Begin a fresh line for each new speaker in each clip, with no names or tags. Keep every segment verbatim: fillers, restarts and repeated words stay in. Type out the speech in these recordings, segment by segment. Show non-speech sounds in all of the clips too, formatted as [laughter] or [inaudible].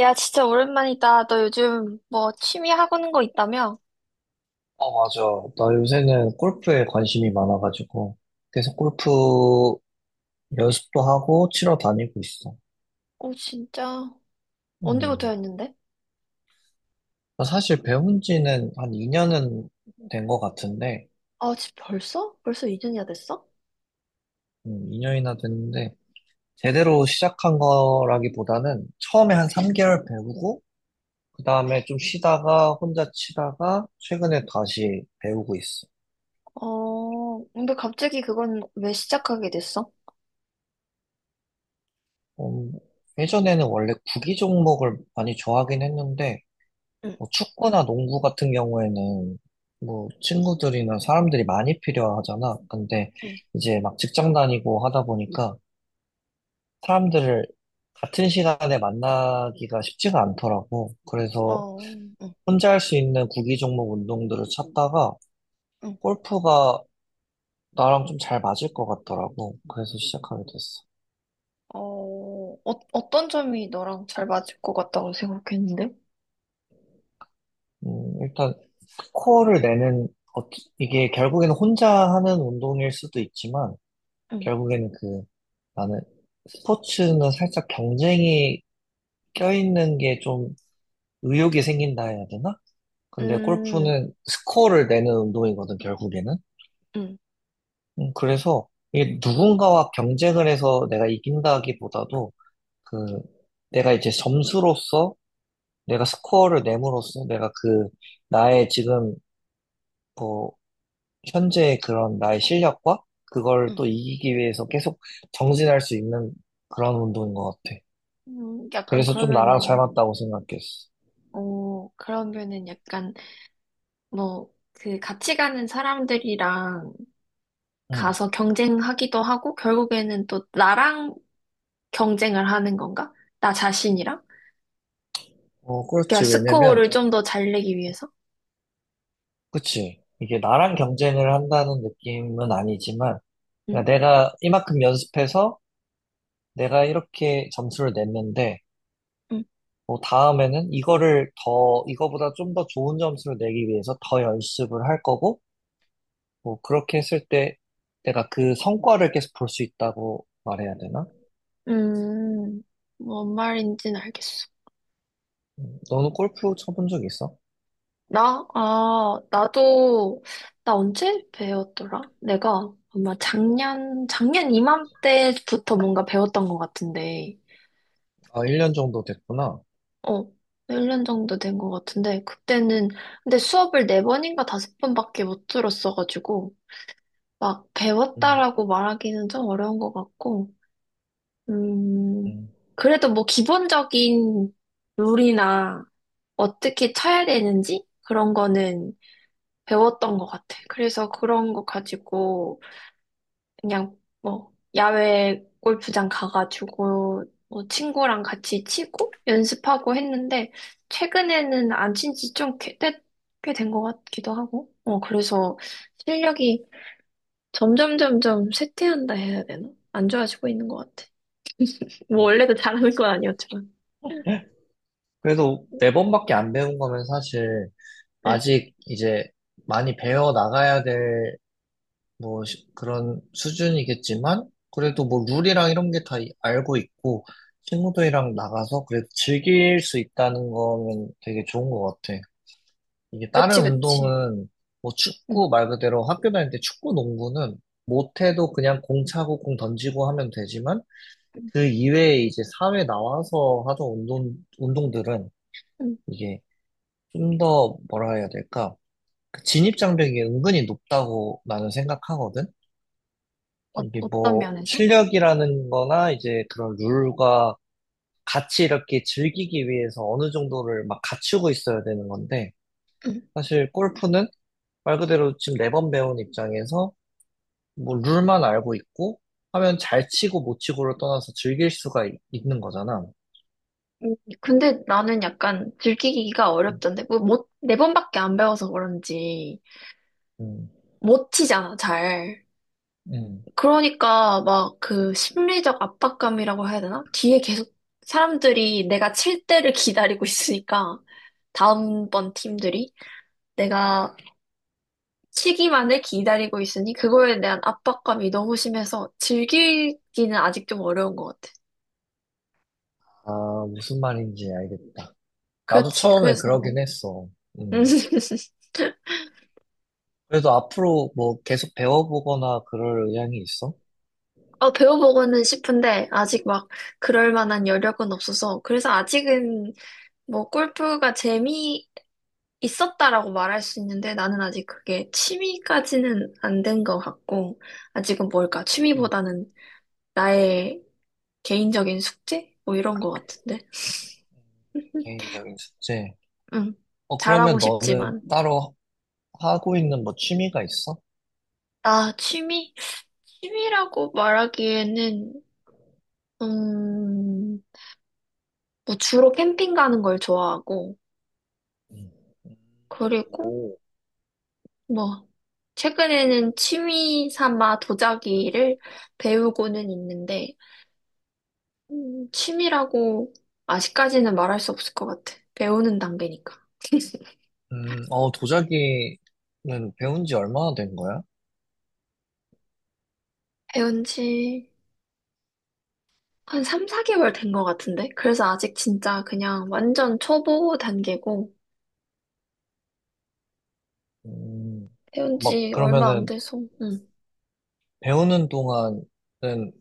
야, 진짜 오랜만이다. 너 요즘 뭐 취미 하고 있는 거 있다며?
아, 맞아. 나 요새는 골프에 관심이 많아가지고 계속 골프 연습도 하고 치러 다니고 있어.
어, 진짜. 언제부터
음.
했는데?
나 사실 배운 지는 한 이 년은 된 것 같은데,
아, 지 벌써? 벌써 이 년이나 됐어?
음, 이 년이나 됐는데, 제대로 시작한 거라기보다는 처음에 한 삼 개월 배우고, 그 다음에 좀 쉬다가 혼자 치다가 최근에 다시 배우고 있어.
어, 근데 갑자기 그건 왜 시작하게 됐어?
음, 예전에는 원래 구기 종목을 많이 좋아하긴 했는데,
응,
뭐 축구나 농구 같은 경우에는 뭐 친구들이나 사람들이 많이 필요하잖아. 근데
응,
이제 막 직장 다니고 하다 보니까 사람들을 같은 시간에 만나기가 쉽지가 않더라고. 그래서
어, 응,
혼자 할 수 있는 구기 종목 운동들을 찾다가
응.
골프가 나랑 좀 잘 맞을 것 같더라고. 그래서 시작하게 됐어.
어, 어, 어떤 점이 너랑 잘 맞을 것 같다고 생각했는데?
음, 일단 코어를 내는 어, 이게 결국에는 혼자 하는 운동일 수도 있지만
응,
결국에는 그 나는 스포츠는 살짝 경쟁이 껴있는 게 좀 의욕이 생긴다 해야 되나? 근데
음,
골프는 스코어를 내는 운동이거든, 결국에는.
응,
음, 그래서 이게 누군가와 경쟁을 해서 내가 이긴다기보다도 그 내가 이제 점수로서 내가 스코어를 내므로써 내가 그 나의 지금 뭐 현재 의 그런 나의 실력과 그걸
응.
또 이기기 위해서 계속 정진할 수 있는 그런 운동인 것 같아.
음, 약간
그래서 좀 나랑 잘
그러면은,
맞다고 생각했어.
어, 그러면은 약간 뭐, 그 같이 가는 사람들이랑
응.
가서 경쟁하기도 하고, 결국에는 또 나랑 경쟁을 하는 건가? 나 자신이랑?
어,
그러니까
그렇지. 왜냐면,
스코어를 좀 더 잘 내기 위해서?
그치. 이게 나랑 경쟁을 한다는 느낌은 아니지만, 그
응,
내가 이만큼 연습해서 내가 이렇게 점수를 냈는데,
응,
뭐 다음에는 이거를 더, 이거보다 좀 더 좋은 점수를 내기 위해서 더 연습을 할 거고, 뭐 그렇게 했을 때 내가 그 성과를 계속 볼 수 있다고 말해야 되나?
음, 뭔 말인지는 알겠어.
음, 너는 골프 쳐본 적 있어?
나, 아, 나도, 나 언제 배웠더라? 내가 아마 작년, 작년 이맘때부터 뭔가 배웠던 것 같은데,
아, 일 년 정도 됐구나.
어, 일 년 정도 된 것 같은데, 그때는, 근데 수업을 네번인가 다섯 번밖에 못 들었어가지고, 막
음,
배웠다라고 말하기는 좀 어려운 것 같고, 음,
음,
그래도 뭐 기본적인 룰이나 어떻게 쳐야 되는지 그런 거는 배웠던 것 같아. 그래서 그런 거 가지고 그냥 뭐 야외 골프장 가가지고 뭐 친구랑 같이 치고 연습하고 했는데 최근에는 안 친지 좀 꽤 된 것 같기도 하고, 어, 그래서 실력이 점점 점점 쇠퇴한다 해야 되나? 안 좋아지고 있는 것 같아. 뭐
음.
원래도 잘하는 건 아니었지만.
그래도 네 번밖에 안 배운 거면 사실
응,
아직 이제 많이 배워 나가야 될 뭐 그런 수준이겠지만 그래도 뭐 룰이랑 이런 게 다 알고 있고 친구들이랑 나가서 그래도 즐길 수 있다는 거는 되게 좋은 것 같아. 이게
그치,
다른
그치.
운동은 뭐
응,
축구 말 그대로 학교 다닐 때 축구 농구는 못해도 그냥 공 차고 공 던지고 하면 되지만
응,
그 이외에 이제 사회 나와서 하던 운동, 운동들은
응.
이게 좀 더 뭐라 해야 될까? 그 진입 장벽이 은근히 높다고 나는 생각하거든.
어,
이게
어떤
뭐
면에서?
실력이라는 거나 이제 그런 룰과 같이 이렇게 즐기기 위해서 어느 정도를 막 갖추고 있어야 되는 건데
응.
사실 골프는 말 그대로 지금 매번 배운 입장에서 뭐 룰만 알고 있고 하면 잘 치고 못 치고를 떠나서 즐길 수가 있- 있는 거잖아.
음, 근데 나는 약간 들키기가 어렵던데. 뭐, 못, 네 번밖에 안 배워서 그런지
음,
못 치잖아, 잘.
음.
그러니까 막 그 심리적 압박감이라고 해야 되나? 뒤에 계속 사람들이 내가 칠 때를 기다리고 있으니까. 다음번 팀들이 내가 시기만을 기다리고 있으니 그거에 대한 압박감이 너무 심해서 즐기기는 아직 좀 어려운 것 같아.
아, 무슨 말인지 알겠다. 나도
그렇지,
처음에
그래서.
그러긴 했어.
음.
음.
[laughs]
그래서 앞으로 뭐 계속 배워보거나 그럴 의향이 있어?
어, 배워보고는 싶은데, 아직 막, 그럴 만한 여력은 없어서, 그래서 아직은, 뭐, 골프가 재미 있었다라고 말할 수 있는데, 나는 아직 그게 취미까지는 안 된 것 같고, 아직은 뭘까,
음,
취미보다는 나의 개인적인 숙제? 뭐 이런 것 같은데. [laughs]
개인적인 숙제.
응,
어,
잘하고
그러면 너는
싶지만.
따로 하고 있는 뭐 취미가 있어?
아, 취미? 취미라고 말하기에는, 음, 뭐 주로 캠핑 가는 걸 좋아하고, 그리고
오,
뭐, 최근에는 취미 삼아 도자기를 배우고는 있는데, 음, 취미라고 아직까지는 말할 수 없을 것 같아. 배우는 단계니까.
음, 어, 도자기는 배운 지 얼마나 된 거야?
배운 지 한 삼, 사 개월 된 것 같은데? 그래서 아직 진짜 그냥 완전 초보 단계고,
음,
배운
막,
지 얼마 안
그러면은,
돼서, 응.
배우는 동안은,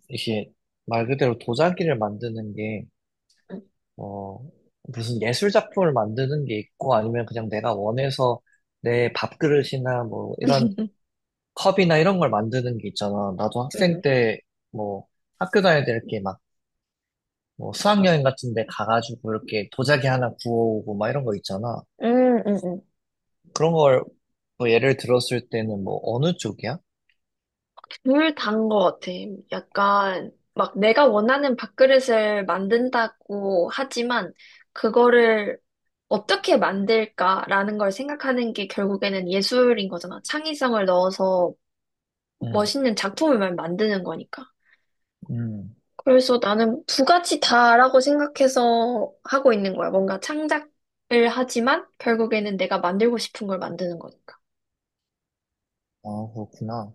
이게, 말 그대로 도자기를 만드는 게,
응.
어, 무슨 예술 작품을 만드는 게 있고, 아니면 그냥 내가 원해서 내 밥그릇이나 뭐, 이런
[laughs]
컵이나 이런 걸 만드는 게 있잖아. 나도 학생 때, 뭐, 학교 다닐 때 이렇게 막, 뭐, 수학여행 같은 데 가가지고 이렇게 도자기 하나 구워오고 막 이런 거 있잖아.
음, 음, 음.
그런 걸, 뭐, 예를 들었을 때는 뭐, 어느 쪽이야?
둘 다인 것 같아. 약간 막 내가 원하는 밥그릇을 만든다고 하지만 그거를 어떻게 만들까라는 걸 생각하는 게 결국에는 예술인 거잖아. 창의성을 넣어서
응,
멋있는 작품을 만- 만드는 거니까.
응,
그래서 나는 두 가지 다라고 생각해서 하고 있는 거야. 뭔가 창작을 하지만 결국에는 내가 만들고 싶은 걸 만드는 거니까.
아, 그렇구나.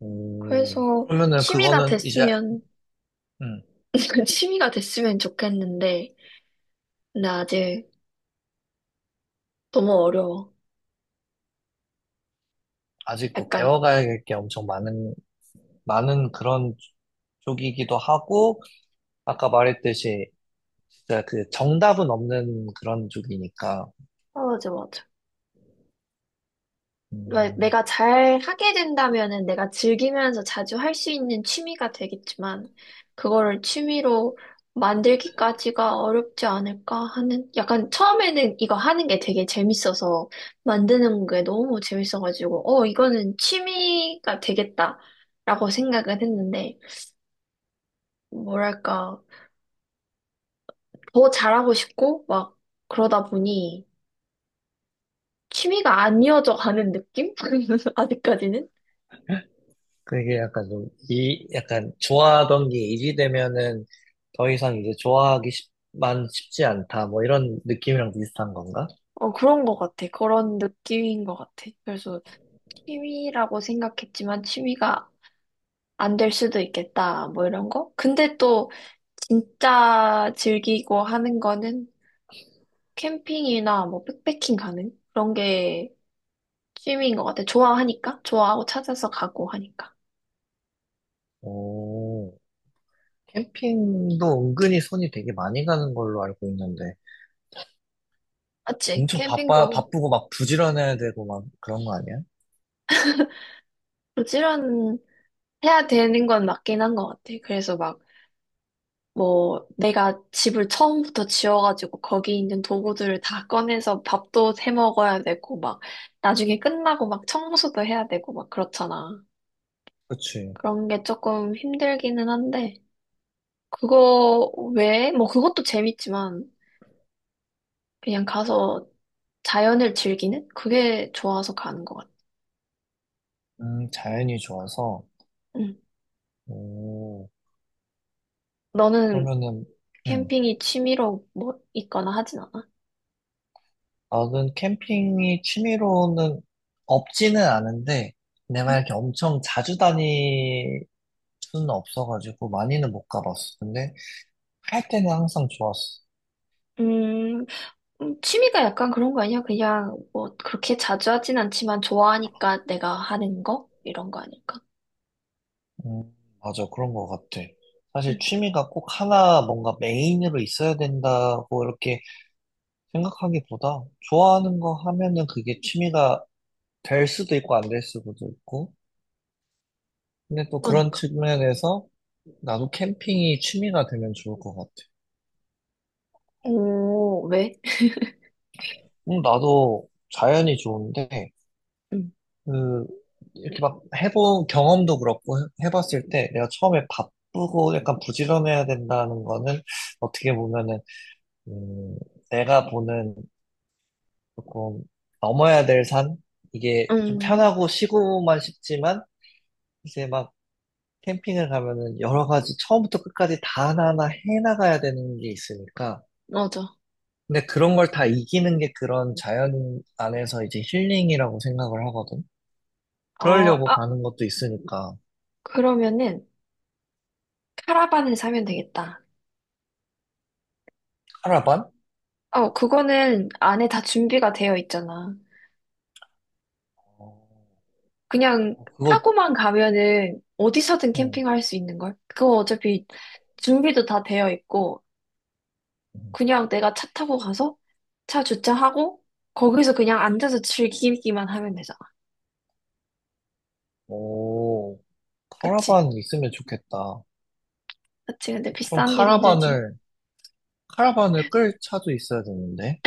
오.
그래서
그러면은
취미가
그거는 이제,
됐으면
음,
[laughs] 취미가 됐으면 좋겠는데, 근데 아직 너무 어려워.
아직 뭐,
약간,
배워가야 할 게 엄청 많은, 많은 그런 쪽이기도 하고, 아까 말했듯이, 진짜 그 정답은 없는 그런 쪽이니까.
어, 맞아, 맞아. 왜
음.
내가 잘 하게 된다면은 내가 즐기면서 자주 할 수 있는 취미가 되겠지만, 그거를 취미로 만들기까지가 어렵지 않을까 하는, 약간 처음에는 이거 하는 게 되게 재밌어서, 만드는 게 너무 재밌어가지고, 어, 이거는 취미가 되겠다. 라고 생각은 했는데, 뭐랄까, 더 잘하고 싶고, 막, 그러다 보니, 취미가 안 이어져 가는 느낌? [laughs] 아직까지는?
그게 약간 좀, 이, 약간 좋아하던 게 이지되면은 더 이상 이제 좋아하기 쉽, 만 쉽지 않다. 뭐 이런 느낌이랑 비슷한 건가?
어, 그런 것 같아. 그런 느낌인 것 같아. 그래서 취미라고 생각했지만 취미가 안 될 수도 있겠다. 뭐 이런 거? 근데 또 진짜 즐기고 하는 거는 캠핑이나 뭐 백패킹 가는 그런 게 취미인 것 같아. 좋아하니까? 좋아하고 찾아서 가고 하니까.
오, 캠핑도 은근히 손이 되게 많이 가는 걸로 알고 있는데.
맞지?
엄청 바빠,
캠핑도
바쁘고 막 부지런해야 되고 막 그런 거 아니야?
부지런 해야 되는 건 맞긴 한 것 같아. 그래서 막 뭐 내가 집을 처음부터 지어가지고 거기 있는 도구들을 다 꺼내서 밥도 해 먹어야 되고 막 나중에 끝나고 막 청소도 해야 되고 막 그렇잖아.
그치.
그런 게 조금 힘들기는 한데 그거 외에 뭐 그것도 재밌지만 그냥 가서 자연을 즐기는 그게 좋아서 가는 것 같아.
음, 자연이 좋아서.
응.
오,
너는
그러면은, 음.
캠핑이 취미로 뭐 있거나 하진 않아?
나는 캠핑이 취미로는 없지는 않은데, 내가
응.
이렇게 엄청 자주 다닐 수는 없어가지고, 많이는 못 가봤어. 근데, 할 때는 항상 좋았어.
음, 음, 취미가 약간 그런 거 아니야? 그냥 뭐 그렇게 자주 하진 않지만 좋아하니까 내가 하는 거? 이런 거 아닐까?
음, 맞아. 그런 것 같아.
응,
사실 취미가 꼭 하나 뭔가 메인으로 있어야 된다고 이렇게 생각하기보다, 좋아하는 거 하면은 그게 취미가 될 수도 있고, 안 될 수도 있고. 근데 또 그런
그러니까.
측면에서, 나도 캠핑이 취미가 되면 좋을 것 같아.
오, 왜?
음, 나도 자연이 좋은데,
응,
그, 이렇게 막 해본 경험도 그렇고, 해- 해봤을 때 내가 처음에 바쁘고 약간 부지런해야 된다는 거는 어떻게 보면은, 음, 내가 보는 조금 넘어야 될 산? 이게 좀
음,
편하고 쉬고만 싶지만, 이제 막 캠핑을 가면은 여러 가지 처음부터 끝까지 다 하나하나 해나가야 되는 게 있으니까.
맞아.
근데 그런 걸 다 이기는 게 그런 자연 안에서 이제 힐링이라고 생각을 하거든.
어,
그러려고
아,
가는 것도 있으니까.
그러면은 카라반을 사면 되겠다.
카라반?
어, 그거는 안에 다 준비가 되어 있잖아.
어,
그냥
그거,
타고만 가면은 어디서든
응.
캠핑할 수 있는 걸? 그거 어차피 준비도 다 되어 있고 그냥 내가 차 타고 가서 차 주차하고 거기서 그냥 앉아서 즐기기만 하면 되잖아.
오,
그치?
카라반 있으면 좋겠다.
그치. 근데
그럼
비싼 게 문제지.
카라반을, 카라반을 끌 차도 있어야 되는데.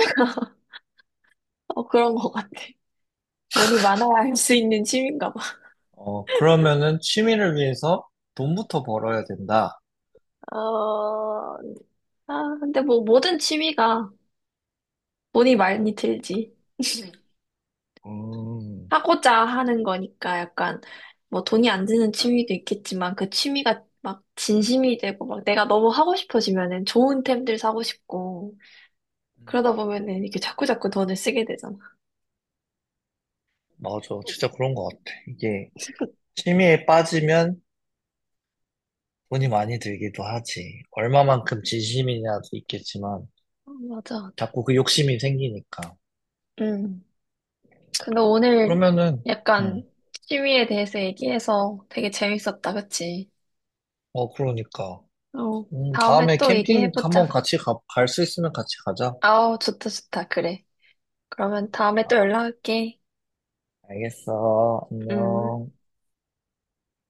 어, 그런 것 같아. 돈이 많아야 할 수 있는 취미인가 봐.
어, 그러면은 취미를 위해서 돈부터 벌어야 된다.
어, 아, 근데 뭐 모든 취미가 돈이 많이 들지.
음,
하고자 하는 거니까 약간 뭐 돈이 안 드는 취미도 있겠지만 그 취미가 막 진심이 되고 막 내가 너무 하고 싶어지면은 좋은 템들 사고 싶고 그러다 보면은 이렇게 자꾸자꾸 돈을 쓰게 되잖아.
맞아. 진짜 그런 것 같아. 이게 취미에 빠지면 돈이 많이 들기도 하지. 얼마만큼 진심이냐도 있겠지만,
어, 맞아, 맞아.
자꾸 그 욕심이 생기니까.
음. 근데 오늘
그러면은,
약간
응.
취미에 대해서 얘기해서 되게 재밌었다, 그치?
어, 그러니까.
어.
음,
다음에
다음에
또
캠핑
얘기해보자.
한번 같이 가, 갈 수 있으면 같이 가자.
아우, 좋다, 좋다. 그래. 그러면 다음에 또 연락할게.
알겠어.
음.
안녕.